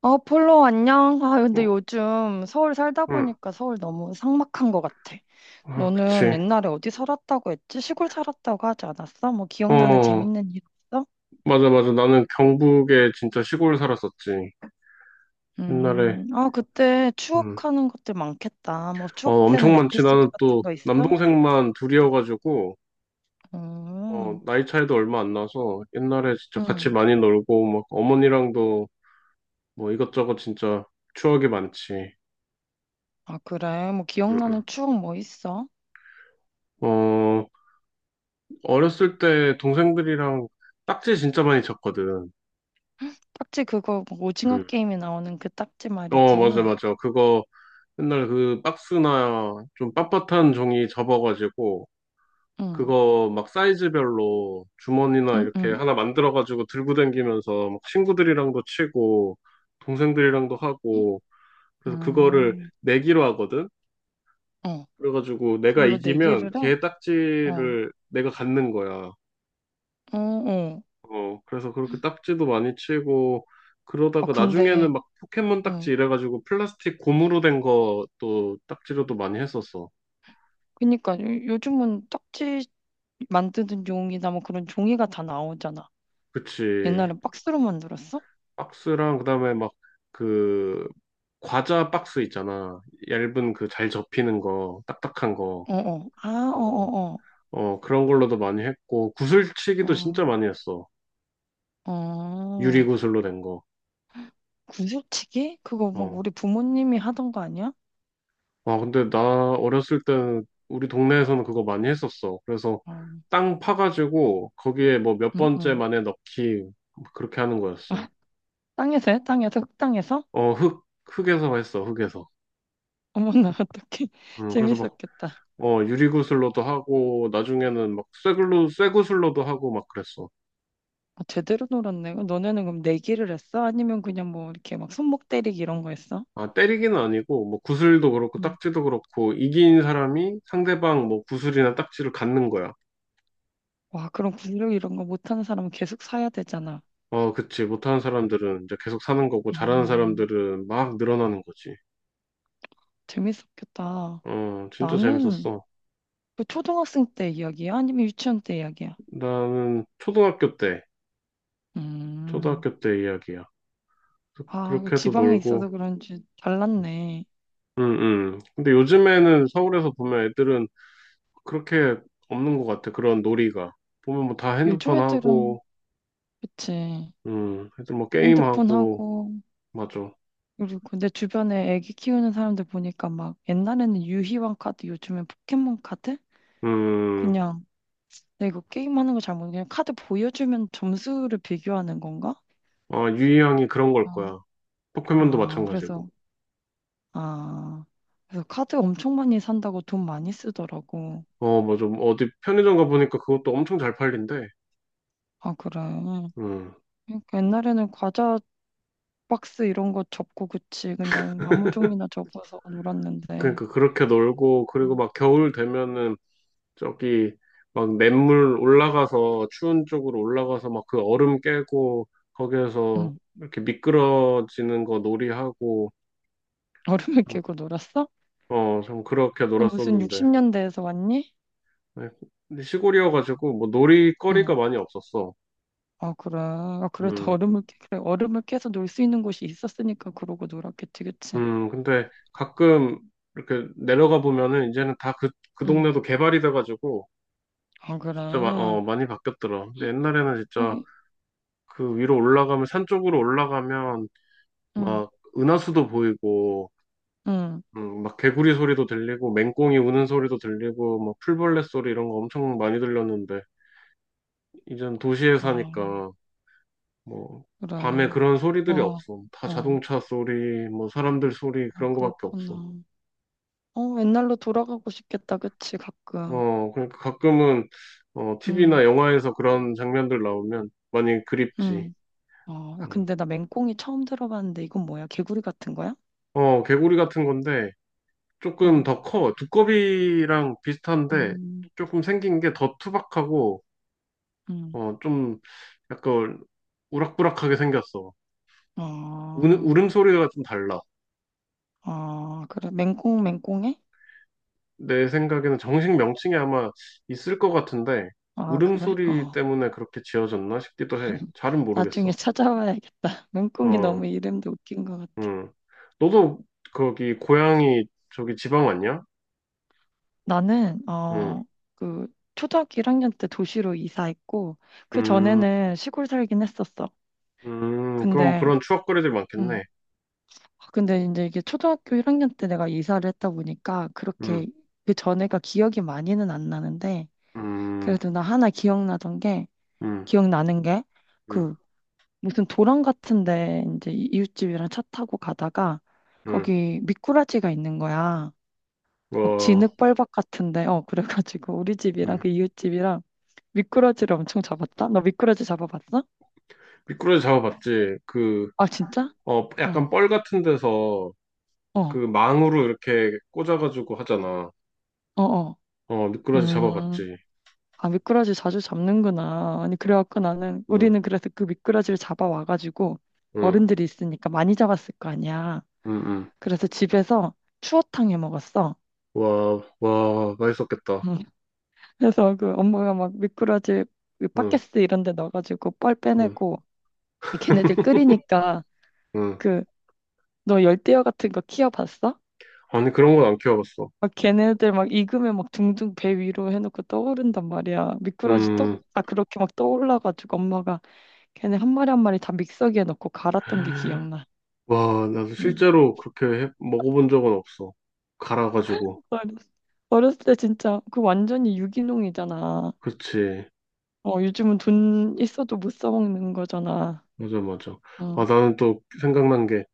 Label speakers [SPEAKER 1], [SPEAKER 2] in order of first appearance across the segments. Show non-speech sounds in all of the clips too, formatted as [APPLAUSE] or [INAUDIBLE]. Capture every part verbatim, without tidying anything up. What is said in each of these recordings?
[SPEAKER 1] 어, 폴로, 안녕. 아, 근데
[SPEAKER 2] 어,
[SPEAKER 1] 요즘 서울 살다
[SPEAKER 2] 응.
[SPEAKER 1] 보니까 서울 너무 삭막한 것 같아.
[SPEAKER 2] 아,
[SPEAKER 1] 너는
[SPEAKER 2] 그치.
[SPEAKER 1] 옛날에 어디 살았다고 했지? 시골 살았다고 하지 않았어? 뭐 기억나는
[SPEAKER 2] 어,
[SPEAKER 1] 재밌는 일 없어?
[SPEAKER 2] 맞아, 맞아. 나는 경북에 진짜 시골 살았었지. 옛날에.
[SPEAKER 1] 음, 아, 그때
[SPEAKER 2] 음.
[SPEAKER 1] 추억하는 것들 많겠다. 뭐
[SPEAKER 2] 어,
[SPEAKER 1] 추억되는
[SPEAKER 2] 엄청 많지.
[SPEAKER 1] 에피소드
[SPEAKER 2] 나는
[SPEAKER 1] 같은
[SPEAKER 2] 또
[SPEAKER 1] 거 있어?
[SPEAKER 2] 남동생만 둘이어가지고, 어,
[SPEAKER 1] 음,
[SPEAKER 2] 나이 차이도 얼마 안 나서 옛날에 진짜 같이
[SPEAKER 1] 음.
[SPEAKER 2] 많이 놀고, 막 어머니랑도 뭐 이것저것 진짜 추억이 많지.
[SPEAKER 1] 아, 그래. 뭐
[SPEAKER 2] 응, 응.
[SPEAKER 1] 기억나는 추억 뭐 있어?
[SPEAKER 2] 어, 어렸을 때 동생들이랑 딱지 진짜 많이 쳤거든.
[SPEAKER 1] 딱지 그거 뭐 오징어
[SPEAKER 2] 응.
[SPEAKER 1] 게임에 나오는 그 딱지
[SPEAKER 2] 어, 맞아,
[SPEAKER 1] 말이지.
[SPEAKER 2] 맞아. 그거 맨날 그 박스나 좀 빳빳한 종이 접어가지고
[SPEAKER 1] 응,
[SPEAKER 2] 그거 막 사이즈별로 주머니나
[SPEAKER 1] 응,
[SPEAKER 2] 이렇게
[SPEAKER 1] 응.
[SPEAKER 2] 하나 만들어가지고 들고 다니면서 막 친구들이랑도 치고 동생들이랑도 하고 그래서 그거를
[SPEAKER 1] 음,
[SPEAKER 2] 내기로 하거든.
[SPEAKER 1] 어,
[SPEAKER 2] 그래가지고 내가
[SPEAKER 1] 그걸로
[SPEAKER 2] 이기면
[SPEAKER 1] 내기를 해?
[SPEAKER 2] 걔
[SPEAKER 1] 어.
[SPEAKER 2] 딱지를 내가 갖는 거야.
[SPEAKER 1] 어, 어.
[SPEAKER 2] 어, 그래서 그렇게 딱지도 많이 치고
[SPEAKER 1] 아,
[SPEAKER 2] 그러다가 나중에는
[SPEAKER 1] 근데,
[SPEAKER 2] 막 포켓몬 딱지
[SPEAKER 1] 어.
[SPEAKER 2] 이래가지고 플라스틱 고무로 된 것도 딱지로도 많이 했었어.
[SPEAKER 1] 그니까, 요- 요즘은 딱지 만드는 용이나 뭐 그런 종이가 다 나오잖아.
[SPEAKER 2] 그치.
[SPEAKER 1] 옛날엔 박스로 만들었어?
[SPEAKER 2] 박스랑 그다음에 막 그 과자 박스 있잖아. 얇은 그 잘 접히는 거, 딱딱한 거.
[SPEAKER 1] 어, 어. 아, 어,
[SPEAKER 2] 어,
[SPEAKER 1] 어,
[SPEAKER 2] 어, 그런 걸로도 많이 했고 구슬치기도 진짜
[SPEAKER 1] 어.
[SPEAKER 2] 많이 했어.
[SPEAKER 1] 어,
[SPEAKER 2] 유리
[SPEAKER 1] 어.
[SPEAKER 2] 구슬로 된 거.
[SPEAKER 1] 구슬치기? 그거 막
[SPEAKER 2] 어.
[SPEAKER 1] 우리 부모님이 하던 거 아니야?
[SPEAKER 2] 아, 근데 나 어렸을 때는 우리 동네에서는 그거 많이 했었어. 그래서
[SPEAKER 1] 어,
[SPEAKER 2] 땅 파가지고 거기에 뭐 몇
[SPEAKER 1] 응,
[SPEAKER 2] 번째
[SPEAKER 1] 응.
[SPEAKER 2] 만에 넣기 뭐 그렇게 하는
[SPEAKER 1] [LAUGHS]
[SPEAKER 2] 거였어.
[SPEAKER 1] 아, 땅에서 해? 땅에서? 흙땅에서?
[SPEAKER 2] 어, 흙 흙에서 했어. 흙에서.
[SPEAKER 1] 어머나, [LAUGHS] 어떡해.
[SPEAKER 2] 음, 그래서 막
[SPEAKER 1] 재밌었겠다.
[SPEAKER 2] 어, 유리구슬로도 하고, 나중에는 막 쇠글로, 쇠구슬로도 하고 막 그랬어.
[SPEAKER 1] 아, 제대로 놀았네. 너네는 그럼 내기를 했어? 아니면 그냥 뭐 이렇게 막 손목 때리기 이런 거 했어?
[SPEAKER 2] 아, 때리기는 아니고, 뭐 구슬도 그렇고,
[SPEAKER 1] 응.
[SPEAKER 2] 딱지도 그렇고, 이긴 사람이 상대방 뭐 구슬이나 딱지를 갖는 거야.
[SPEAKER 1] 와, 그럼 구력 이런 거 못하는 사람은 계속 사야 되잖아.
[SPEAKER 2] 어, 그치. 못하는 사람들은 이제 계속 사는 거고, 잘하는
[SPEAKER 1] 음,
[SPEAKER 2] 사람들은 막 늘어나는 거지.
[SPEAKER 1] 재밌었겠다.
[SPEAKER 2] 어, 진짜
[SPEAKER 1] 나는
[SPEAKER 2] 재밌었어.
[SPEAKER 1] 그 초등학생 때 이야기야? 아니면 유치원 때 이야기야?
[SPEAKER 2] 나는 초등학교 때,
[SPEAKER 1] 음,
[SPEAKER 2] 초등학교 때 이야기야. 그-
[SPEAKER 1] 아, 그
[SPEAKER 2] 그렇게 해서
[SPEAKER 1] 지방에
[SPEAKER 2] 놀고,
[SPEAKER 1] 있어서 그런지 달랐네.
[SPEAKER 2] 응, 응. 근데 요즘에는 서울에서 보면 애들은 그렇게 없는 것 같아. 그런 놀이가. 보면 뭐 다
[SPEAKER 1] 요즘
[SPEAKER 2] 핸드폰
[SPEAKER 1] 애들은,
[SPEAKER 2] 하고,
[SPEAKER 1] 그치.
[SPEAKER 2] 음, 애들 뭐
[SPEAKER 1] 핸드폰
[SPEAKER 2] 게임하고,
[SPEAKER 1] 하고,
[SPEAKER 2] 맞아.
[SPEAKER 1] 그리고 내 주변에 애기 키우는 사람들 보니까 막 옛날에는 유희왕 카드, 요즘엔 포켓몬 카드?
[SPEAKER 2] 음,
[SPEAKER 1] 그냥 내가 이거 게임하는 거 잘 모르겠는데 그냥 카드 보여주면 점수를 비교하는 건가?
[SPEAKER 2] 아, 유희양이 그런 걸
[SPEAKER 1] 음.
[SPEAKER 2] 거야. 포켓몬도
[SPEAKER 1] 아,
[SPEAKER 2] 마찬가지고.
[SPEAKER 1] 그래서 아, 그래서 카드 엄청 많이 산다고 돈 많이 쓰더라고.
[SPEAKER 2] 어, 맞아. 뭐 어디 편의점 가보니까 그것도 엄청 잘 팔린대.
[SPEAKER 1] 아, 그래.
[SPEAKER 2] 음,
[SPEAKER 1] 그러니까 옛날에는 과자 박스 이런 거 접고 그치. 그냥 아무 종이나 접어서 놀았는데.
[SPEAKER 2] 그러니까 그렇게 놀고, 그리고
[SPEAKER 1] 음.
[SPEAKER 2] 막 겨울 되면은 저기 막 냇물 올라가서, 추운 쪽으로 올라가서 막 그 얼음 깨고, 거기에서
[SPEAKER 1] 응.
[SPEAKER 2] 이렇게 미끄러지는 거 놀이하고,
[SPEAKER 1] 얼음을
[SPEAKER 2] 음,
[SPEAKER 1] 깨고 놀았어?
[SPEAKER 2] 어, 좀 그렇게
[SPEAKER 1] 너 무슨
[SPEAKER 2] 놀았었는데.
[SPEAKER 1] 육십 년대에서 왔니?
[SPEAKER 2] 네, 근데 시골이어가지고 뭐 놀이거리가
[SPEAKER 1] 응.
[SPEAKER 2] 많이 없었어.
[SPEAKER 1] 아, 그래. 아, 그래도
[SPEAKER 2] 음,
[SPEAKER 1] 얼음을 깨, 그래. 얼음을 깨서 놀 수 있는 곳이 있었으니까 그러고 놀았겠지, 그치?
[SPEAKER 2] 음, 근데 가끔 이렇게 내려가 보면은 이제는 다 그, 그
[SPEAKER 1] 응.
[SPEAKER 2] 동네도 개발이 돼가지고
[SPEAKER 1] 아, 그래.
[SPEAKER 2] 진짜 마- 어, 많이 바뀌었더라. 근데 옛날에는 진짜
[SPEAKER 1] 어이,
[SPEAKER 2] 그 위로 올라가면 산 쪽으로 올라가면
[SPEAKER 1] 응,
[SPEAKER 2] 막 은하수도 보이고
[SPEAKER 1] 응.
[SPEAKER 2] 음, 막 개구리 소리도 들리고 맹꽁이 우는 소리도 들리고 막 풀벌레 소리 이런 거 엄청 많이 들렸는데 이젠 도시에
[SPEAKER 1] 아,
[SPEAKER 2] 사니까 뭐
[SPEAKER 1] 그래.
[SPEAKER 2] 밤에 그런 소리들이
[SPEAKER 1] 와,
[SPEAKER 2] 없어. 다
[SPEAKER 1] 어,
[SPEAKER 2] 자동차 소리, 뭐 사람들 소리
[SPEAKER 1] 어,
[SPEAKER 2] 그런 거밖에
[SPEAKER 1] 그렇구나.
[SPEAKER 2] 없어.
[SPEAKER 1] 어, 옛날로 돌아가고 싶겠다, 그치, 가끔.
[SPEAKER 2] 어, 그러니까 가끔은 어,
[SPEAKER 1] 응,
[SPEAKER 2] 티비나 영화에서 그런 장면들 나오면 많이 그립지.
[SPEAKER 1] 응. 어, 야,
[SPEAKER 2] 음.
[SPEAKER 1] 근데 나 맹꽁이 처음 들어봤는데 이건 뭐야? 개구리 같은 거야?
[SPEAKER 2] 어, 개구리 같은 건데 조금
[SPEAKER 1] 응,
[SPEAKER 2] 더 커. 두꺼비랑 비슷한데
[SPEAKER 1] 음,
[SPEAKER 2] 조금 생긴 게 더 투박하고
[SPEAKER 1] 응.
[SPEAKER 2] 어, 좀 약간 우락부락하게 생겼어.
[SPEAKER 1] 아,
[SPEAKER 2] 우, 울음소리가 좀 달라.
[SPEAKER 1] 아, 그래. 맹꽁, 맹꽁해?
[SPEAKER 2] 내 생각에는 정식 명칭이 아마 있을 것 같은데
[SPEAKER 1] 아, 그래?
[SPEAKER 2] 울음소리
[SPEAKER 1] 어.
[SPEAKER 2] 때문에 그렇게 지어졌나 싶기도 해.
[SPEAKER 1] [LAUGHS]
[SPEAKER 2] 잘은
[SPEAKER 1] 나중에
[SPEAKER 2] 모르겠어.
[SPEAKER 1] 찾아봐야겠다. [LAUGHS] 맹꽁이
[SPEAKER 2] 어,
[SPEAKER 1] 너무 이름도 웃긴 것 같아.
[SPEAKER 2] 음. 너도 거기 고향이 저기 지방 왔냐?
[SPEAKER 1] 나는,
[SPEAKER 2] 음,
[SPEAKER 1] 어, 그, 초등학교 일 학년 때 도시로 이사했고, 그
[SPEAKER 2] 음,
[SPEAKER 1] 전에는 시골 살긴 했었어.
[SPEAKER 2] 음. 그럼
[SPEAKER 1] 근데,
[SPEAKER 2] 그런 추억거리들
[SPEAKER 1] 응.
[SPEAKER 2] 많겠네.
[SPEAKER 1] 아, 근데 이제 이게 초등학교 일 학년 때 내가 이사를 했다 보니까
[SPEAKER 2] 음,
[SPEAKER 1] 그렇게 그 전에가 기억이 많이는 안 나는데
[SPEAKER 2] 음,
[SPEAKER 1] 그래도 나 하나 기억나던 게
[SPEAKER 2] 음,
[SPEAKER 1] 기억나는 게
[SPEAKER 2] 음,
[SPEAKER 1] 그 무슨 도랑 같은데 이제 이- 이웃집이랑 차 타고 가다가
[SPEAKER 2] 음.
[SPEAKER 1] 거기 미꾸라지가 있는 거야. 막
[SPEAKER 2] 어,
[SPEAKER 1] 진흙벌박 같은데 어 그래가지고 [LAUGHS] 우리 집이랑
[SPEAKER 2] 음.
[SPEAKER 1] 그 이웃집이랑 미꾸라지를 엄청 잡았다. 너 미꾸라지 잡아봤어?
[SPEAKER 2] 미꾸라지 잡아봤지. 그,
[SPEAKER 1] 아 진짜?
[SPEAKER 2] 어,
[SPEAKER 1] 어
[SPEAKER 2] 약간 뻘 같은 데서 그
[SPEAKER 1] 어,
[SPEAKER 2] 망으로 이렇게 꽂아가지고 하잖아.
[SPEAKER 1] 어, 어.
[SPEAKER 2] 어, 미꾸라지
[SPEAKER 1] 음.
[SPEAKER 2] 잡아봤지.
[SPEAKER 1] 아, 미꾸라지 자주 잡는구나. 아니, 그래갖고 나는,
[SPEAKER 2] 응,
[SPEAKER 1] 우리는 그래서 그 미꾸라지를 잡아와가지고,
[SPEAKER 2] 응.
[SPEAKER 1] 어른들이 있으니까 많이 잡았을 거 아니야.
[SPEAKER 2] 응, 응.
[SPEAKER 1] 그래서 집에서 추어탕 해 먹었어.
[SPEAKER 2] 와, 와, 맛있었겠다.
[SPEAKER 1] 음. 그래서 그 엄마가 막 미꾸라지 그 팟캐
[SPEAKER 2] 응,
[SPEAKER 1] 스 이런 데 넣어가지고 뻘
[SPEAKER 2] 응,
[SPEAKER 1] 빼내고, 걔네들 끓이니까,
[SPEAKER 2] 응.
[SPEAKER 1] 그, 너 열대어 같은 거 키워봤어?
[SPEAKER 2] 아니, 그런 건 안 키워봤어.
[SPEAKER 1] 막 걔네들 막 익으면 막 둥둥 배 위로 해놓고 떠오른단 말이야. 미꾸라지 떠,
[SPEAKER 2] 음,
[SPEAKER 1] 아, 그렇게 막 떠올라가지고 엄마가 걔네 한 마리 한 마리 다 믹서기에 넣고 갈았던 게 기억나.
[SPEAKER 2] 와, 나도
[SPEAKER 1] 응.
[SPEAKER 2] 실제로 그렇게 해- 먹어본 적은 없어. 갈아가지고.
[SPEAKER 1] 어렸- 어렸을 때 진짜 그 완전히 유기농이잖아.
[SPEAKER 2] 그치.
[SPEAKER 1] 어, 요즘은 돈 있어도 못 사 먹는 거잖아.
[SPEAKER 2] 맞아, 맞아. 아,
[SPEAKER 1] 응,
[SPEAKER 2] 나는 또 생각난 게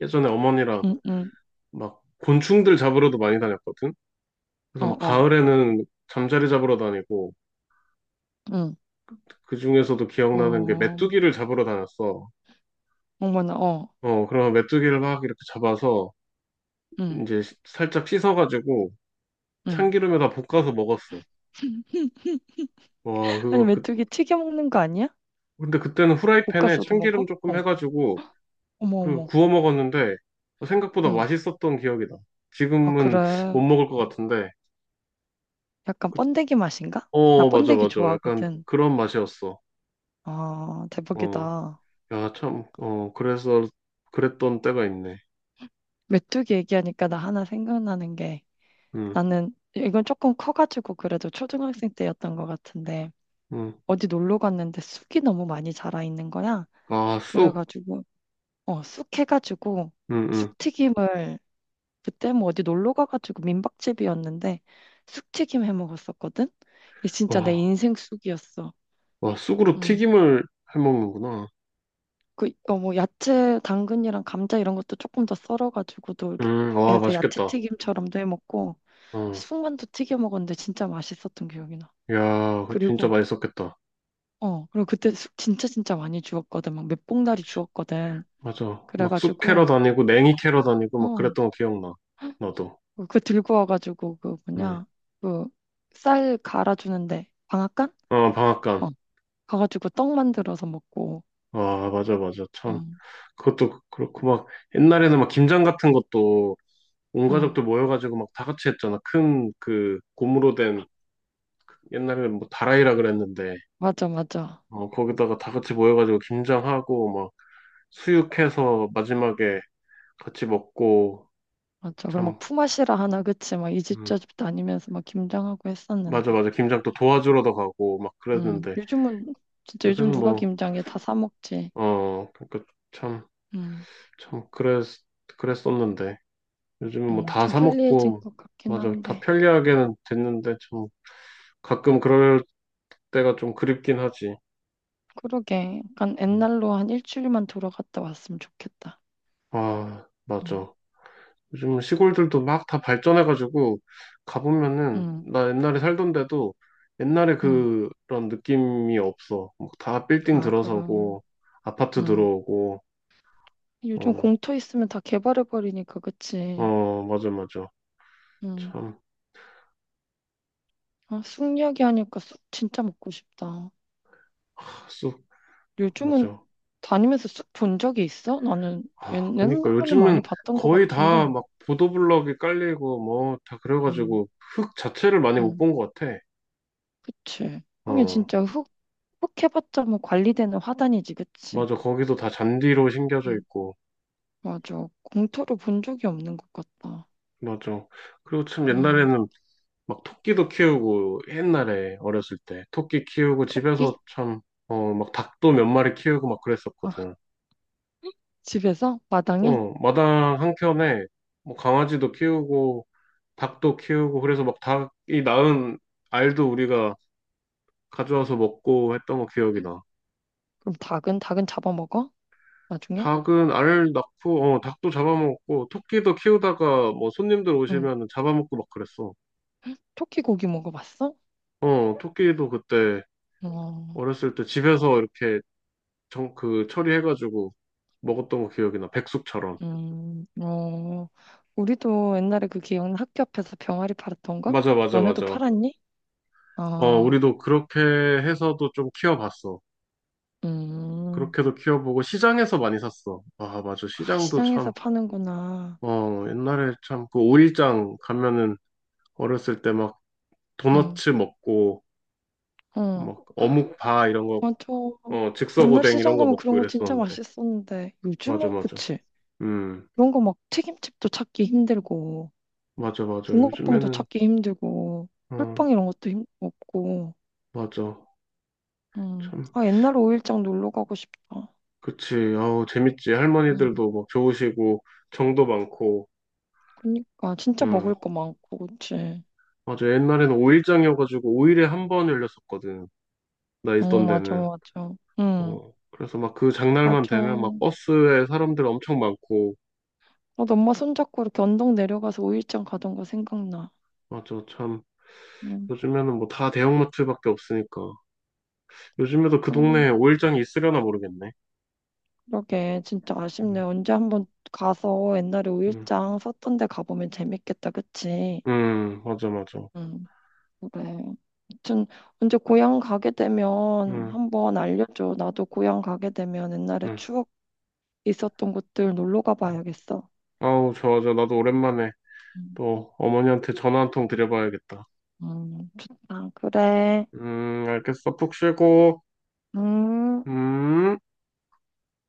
[SPEAKER 2] 예전에 어머니랑
[SPEAKER 1] 응, 응,
[SPEAKER 2] 막 곤충들 잡으러도 많이 다녔거든? 그래서
[SPEAKER 1] 어,
[SPEAKER 2] 막
[SPEAKER 1] 어,
[SPEAKER 2] 가을에는 잠자리 잡으러 다니고,
[SPEAKER 1] 응,
[SPEAKER 2] 그 중에서도 기억나는 게
[SPEAKER 1] 어,
[SPEAKER 2] 메뚜기를 잡으러 다녔어.
[SPEAKER 1] 어머나, 어,
[SPEAKER 2] 어, 그러면 메뚜기를 막 이렇게 잡아서
[SPEAKER 1] 응,
[SPEAKER 2] 이제 시- 살짝 씻어가지고
[SPEAKER 1] 응.
[SPEAKER 2] 참기름에다 볶아서 먹었어. 와,
[SPEAKER 1] 아니
[SPEAKER 2] 그거 그
[SPEAKER 1] 메뚜기 튀겨 먹는 거 아니야?
[SPEAKER 2] 근데 그때는 후라이팬에
[SPEAKER 1] 볶아서도
[SPEAKER 2] 참기름
[SPEAKER 1] 먹어?
[SPEAKER 2] 조금
[SPEAKER 1] 어,
[SPEAKER 2] 해가지고
[SPEAKER 1] 어머,
[SPEAKER 2] 그리고
[SPEAKER 1] 어머,
[SPEAKER 2] 구워 먹었는데 생각보다
[SPEAKER 1] 어,
[SPEAKER 2] 맛있었던 기억이 나.
[SPEAKER 1] 아
[SPEAKER 2] 지금은
[SPEAKER 1] 그래.
[SPEAKER 2] 못 먹을 것 같은데.
[SPEAKER 1] 약간
[SPEAKER 2] 그-
[SPEAKER 1] 번데기 맛인가? 나
[SPEAKER 2] 어, 맞아,
[SPEAKER 1] 번데기
[SPEAKER 2] 맞아. 약간
[SPEAKER 1] 좋아하거든.
[SPEAKER 2] 그런 맛이었어.
[SPEAKER 1] 아
[SPEAKER 2] 어,
[SPEAKER 1] 대박이다.
[SPEAKER 2] 야, 참, 어, 그래서 그랬던 때가 있네.
[SPEAKER 1] 메뚜기 얘기하니까 나 하나 생각나는 게.
[SPEAKER 2] 응,
[SPEAKER 1] 나는 이건 조금 커가지고 그래도 초등학생 때였던 것 같은데
[SPEAKER 2] 응.
[SPEAKER 1] 어디 놀러 갔는데 쑥이 너무 많이 자라 있는 거야.
[SPEAKER 2] 아, 쑥.
[SPEAKER 1] 그래가지고 어, 쑥 해가지고
[SPEAKER 2] 응, 응.
[SPEAKER 1] 쑥튀김을 그때 뭐 어디 놀러 가가지고 민박집이었는데 쑥튀김 해 먹었었거든. 이게 진짜 내
[SPEAKER 2] 와,
[SPEAKER 1] 인생 쑥이었어.
[SPEAKER 2] 와, 쑥으로
[SPEAKER 1] 음.
[SPEAKER 2] 튀김을 해 먹는구나.
[SPEAKER 1] 그, 어, 뭐 야채 당근이랑 감자 이런 것도 조금 더 썰어가지고도 이렇게
[SPEAKER 2] 음, 와,
[SPEAKER 1] 해서 야채
[SPEAKER 2] 맛있겠다.
[SPEAKER 1] 튀김처럼도 해 먹고
[SPEAKER 2] 어,
[SPEAKER 1] 쑥만두 튀겨 먹었는데 진짜 맛있었던 기억이 나.
[SPEAKER 2] 야, 그 진짜
[SPEAKER 1] 그리고
[SPEAKER 2] 맛있었겠다.
[SPEAKER 1] 어, 그리고 그때 숙 진짜 진짜 많이 주웠거든. 막 몇 봉다리 주웠거든.
[SPEAKER 2] 맞아. 막 숲 캐러
[SPEAKER 1] 그래가지고,
[SPEAKER 2] 다니고 냉이 캐러 다니고 막
[SPEAKER 1] 어,
[SPEAKER 2] 그랬던 거 기억나. 나도.
[SPEAKER 1] 그 들고 와가지고, 그
[SPEAKER 2] 응.
[SPEAKER 1] 뭐냐, 그 쌀 갈아주는데, 방앗간?
[SPEAKER 2] 어, 방앗간.
[SPEAKER 1] 어, 가가지고 떡 만들어서 먹고,
[SPEAKER 2] 아, 맞아, 맞아. 참.
[SPEAKER 1] 응,
[SPEAKER 2] 그것도 그렇고 막 옛날에는 막 김장 같은 것도 온
[SPEAKER 1] 응,
[SPEAKER 2] 가족들 모여가지고 막 다 같이 했잖아. 큰 그 고무로 된 옛날에는 뭐 다라이라 그랬는데
[SPEAKER 1] 맞아, 맞아,
[SPEAKER 2] 어, 거기다가 다 같이 모여가지고 김장하고 막 수육해서 마지막에 같이 먹고
[SPEAKER 1] 맞아. 그럼 막
[SPEAKER 2] 참.
[SPEAKER 1] 품앗이라 하나, 그치? 막 이 집저
[SPEAKER 2] 음.
[SPEAKER 1] 집 다니면서 막 김장하고
[SPEAKER 2] 맞아,
[SPEAKER 1] 했었는데,
[SPEAKER 2] 맞아. 김장 또 도와주러도 가고 막
[SPEAKER 1] 응,
[SPEAKER 2] 그랬는데
[SPEAKER 1] 요즘은, 진짜 요즘
[SPEAKER 2] 요새는
[SPEAKER 1] 누가
[SPEAKER 2] 뭐
[SPEAKER 1] 김장해? 다 사 먹지.
[SPEAKER 2] 어, 그러니까 참.
[SPEAKER 1] 응,
[SPEAKER 2] 참 그랬 그랬었는데 요즘은 뭐
[SPEAKER 1] 응,
[SPEAKER 2] 다
[SPEAKER 1] 참
[SPEAKER 2] 사
[SPEAKER 1] 편리해진
[SPEAKER 2] 먹고
[SPEAKER 1] 것 같긴
[SPEAKER 2] 맞아 다
[SPEAKER 1] 한데.
[SPEAKER 2] 편리하게는 됐는데 참 가끔 그럴 때가 좀 그립긴 하지.
[SPEAKER 1] 그러게. 약간
[SPEAKER 2] 음.
[SPEAKER 1] 옛날로 한 일주일만 돌아갔다 왔으면 좋겠다.
[SPEAKER 2] 아
[SPEAKER 1] 음.
[SPEAKER 2] 맞아. 요즘 시골들도 막 다 발전해가지고 가보면은
[SPEAKER 1] 응,
[SPEAKER 2] 나 옛날에 살던 데도 옛날에
[SPEAKER 1] 응.
[SPEAKER 2] 그런 느낌이 없어. 뭐다 빌딩
[SPEAKER 1] 아, 그럼.
[SPEAKER 2] 들어서고 아파트
[SPEAKER 1] 응.
[SPEAKER 2] 들어오고 어
[SPEAKER 1] 요즘 공터 있으면 다 개발해버리니까, 그치?
[SPEAKER 2] 어 맞아 맞아
[SPEAKER 1] 응.
[SPEAKER 2] 참
[SPEAKER 1] 아, 쑥 이야기하니까 쑥 진짜 먹고 싶다.
[SPEAKER 2] 쑥
[SPEAKER 1] 요즘은
[SPEAKER 2] 맞아.
[SPEAKER 1] 다니면서 쑥 본 적이 있어? 나는 옛-
[SPEAKER 2] 아, 그러니까
[SPEAKER 1] 옛날에는 많이
[SPEAKER 2] 요즘은
[SPEAKER 1] 봤던 것
[SPEAKER 2] 거의 다
[SPEAKER 1] 같은데.
[SPEAKER 2] 막 보도블럭이 깔리고 뭐 다
[SPEAKER 1] 응,
[SPEAKER 2] 그래가지고 흙 자체를 많이 못
[SPEAKER 1] 응.
[SPEAKER 2] 본 것 같아.
[SPEAKER 1] 그치. 형이
[SPEAKER 2] 어,
[SPEAKER 1] 진짜 흙, 흙 해봤자 뭐 관리되는 화단이지, 그치?
[SPEAKER 2] 맞아. 거기도 다 잔디로 심겨져
[SPEAKER 1] 응,
[SPEAKER 2] 있고.
[SPEAKER 1] 맞아. 공터를 본 적이 없는 것 같다.
[SPEAKER 2] 맞아. 그리고 참
[SPEAKER 1] 응.
[SPEAKER 2] 옛날에는 막 토끼도 키우고 옛날에 어렸을 때 토끼 키우고 집에서
[SPEAKER 1] 토끼?
[SPEAKER 2] 참, 어, 막 닭도 몇 마리 키우고 막
[SPEAKER 1] 아,
[SPEAKER 2] 그랬었거든.
[SPEAKER 1] 집에서 마당에?
[SPEAKER 2] 어, 마당 한켠에 뭐 강아지도 키우고 닭도 키우고 그래서 막 닭이 낳은 알도 우리가 가져와서 먹고 했던 거 기억이
[SPEAKER 1] 응,
[SPEAKER 2] 나.
[SPEAKER 1] 그럼 닭은 닭은 잡아먹어? 나중에?
[SPEAKER 2] 닭은 알 낳고, 어, 닭도 잡아먹었고, 토끼도 키우다가 뭐 손님들
[SPEAKER 1] 응.
[SPEAKER 2] 오시면 잡아먹고 막 그랬어.
[SPEAKER 1] 토끼 고기 먹어봤어?
[SPEAKER 2] 어, 토끼도 그때
[SPEAKER 1] 어,
[SPEAKER 2] 어렸을 때 집에서 이렇게 정, 그 처리해가지고 먹었던 거 기억이 나. 백숙처럼.
[SPEAKER 1] 음, 어, 우리도 옛날에 그 기억나 학교 앞에서 병아리 팔았던 거?
[SPEAKER 2] 맞아, 맞아,
[SPEAKER 1] 너네도
[SPEAKER 2] 맞아.
[SPEAKER 1] 팔았니?
[SPEAKER 2] 어,
[SPEAKER 1] 어,
[SPEAKER 2] 우리도 그렇게 해서도 좀 키워봤어.
[SPEAKER 1] 음,
[SPEAKER 2] 그렇게도 키워보고 시장에서 많이 샀어. 아, 맞아.
[SPEAKER 1] 아,
[SPEAKER 2] 시장도
[SPEAKER 1] 시장에서
[SPEAKER 2] 참,
[SPEAKER 1] 파는구나.
[SPEAKER 2] 어, 옛날에 참 그 오일장 가면은 어렸을 때 막
[SPEAKER 1] 응,
[SPEAKER 2] 도너츠 먹고,
[SPEAKER 1] 응,
[SPEAKER 2] 막 어묵 바 이런 거
[SPEAKER 1] 맞아.
[SPEAKER 2] 어,
[SPEAKER 1] 옛날
[SPEAKER 2] 즉석오뎅
[SPEAKER 1] 시장
[SPEAKER 2] 이런 거
[SPEAKER 1] 가면 그런
[SPEAKER 2] 먹고
[SPEAKER 1] 거 진짜
[SPEAKER 2] 이랬었는데.
[SPEAKER 1] 맛있었는데
[SPEAKER 2] 맞아,
[SPEAKER 1] 요즘은
[SPEAKER 2] 맞아.
[SPEAKER 1] 그치?
[SPEAKER 2] 음,
[SPEAKER 1] 그런 거 막 튀김집도 찾기 힘들고
[SPEAKER 2] 맞아, 맞아.
[SPEAKER 1] 붕어빵도
[SPEAKER 2] 요즘에는,
[SPEAKER 1] 찾기 힘들고
[SPEAKER 2] 어,
[SPEAKER 1] 꿀빵 이런 것도 힘 없고
[SPEAKER 2] 맞아.
[SPEAKER 1] 음.
[SPEAKER 2] 참,
[SPEAKER 1] 아, 옛날에 일장 놀러 가고 싶다.
[SPEAKER 2] 그치. 아우, 재밌지.
[SPEAKER 1] 음.
[SPEAKER 2] 할머니들도 막 좋으시고, 정도 많고,
[SPEAKER 1] 그니까, 진짜
[SPEAKER 2] 응.
[SPEAKER 1] 먹을 거 많고, 그치?
[SPEAKER 2] 맞아. 옛날에는 오일장이어가지고, 오일에 한 번 열렸었거든. 나
[SPEAKER 1] 어,
[SPEAKER 2] 있던
[SPEAKER 1] 맞아,
[SPEAKER 2] 데는.
[SPEAKER 1] 맞아. 응,
[SPEAKER 2] 어, 그래서 막 그 장날만
[SPEAKER 1] 맞아.
[SPEAKER 2] 되면 막 버스에 사람들 엄청 많고,
[SPEAKER 1] 나도 엄마 손잡고 이렇게 언덕 내려가서 오일장 가던 거 생각나.
[SPEAKER 2] 맞아. 참,
[SPEAKER 1] 응,
[SPEAKER 2] 요즘에는 뭐 다 대형마트밖에 없으니까. 요즘에도 그
[SPEAKER 1] 음,
[SPEAKER 2] 동네에 오일장이 있으려나 모르겠네.
[SPEAKER 1] 그러게. 진짜 아쉽네.
[SPEAKER 2] 음,
[SPEAKER 1] 언제 한번 가서 옛날에 오일
[SPEAKER 2] 음,
[SPEAKER 1] 장 썼던 데 가보면 재밌겠다, 그치?
[SPEAKER 2] 음, 맞아, 맞아.
[SPEAKER 1] 응, 그래. 아무튼, 언제 고향 가게 되면
[SPEAKER 2] 응,
[SPEAKER 1] 한번 알려줘. 나도 고향 가게 되면 옛날에
[SPEAKER 2] 응.
[SPEAKER 1] 추억 있었던 곳들 놀러 가봐야겠어.
[SPEAKER 2] 아우, 좋아, 좋아. 나도 오랜만에
[SPEAKER 1] 음,
[SPEAKER 2] 또 어머니한테 전화 한 통 드려봐야겠다.
[SPEAKER 1] 음, 좋다. 그래.
[SPEAKER 2] 음, 알겠어. 푹 쉬고,
[SPEAKER 1] 음.
[SPEAKER 2] 음.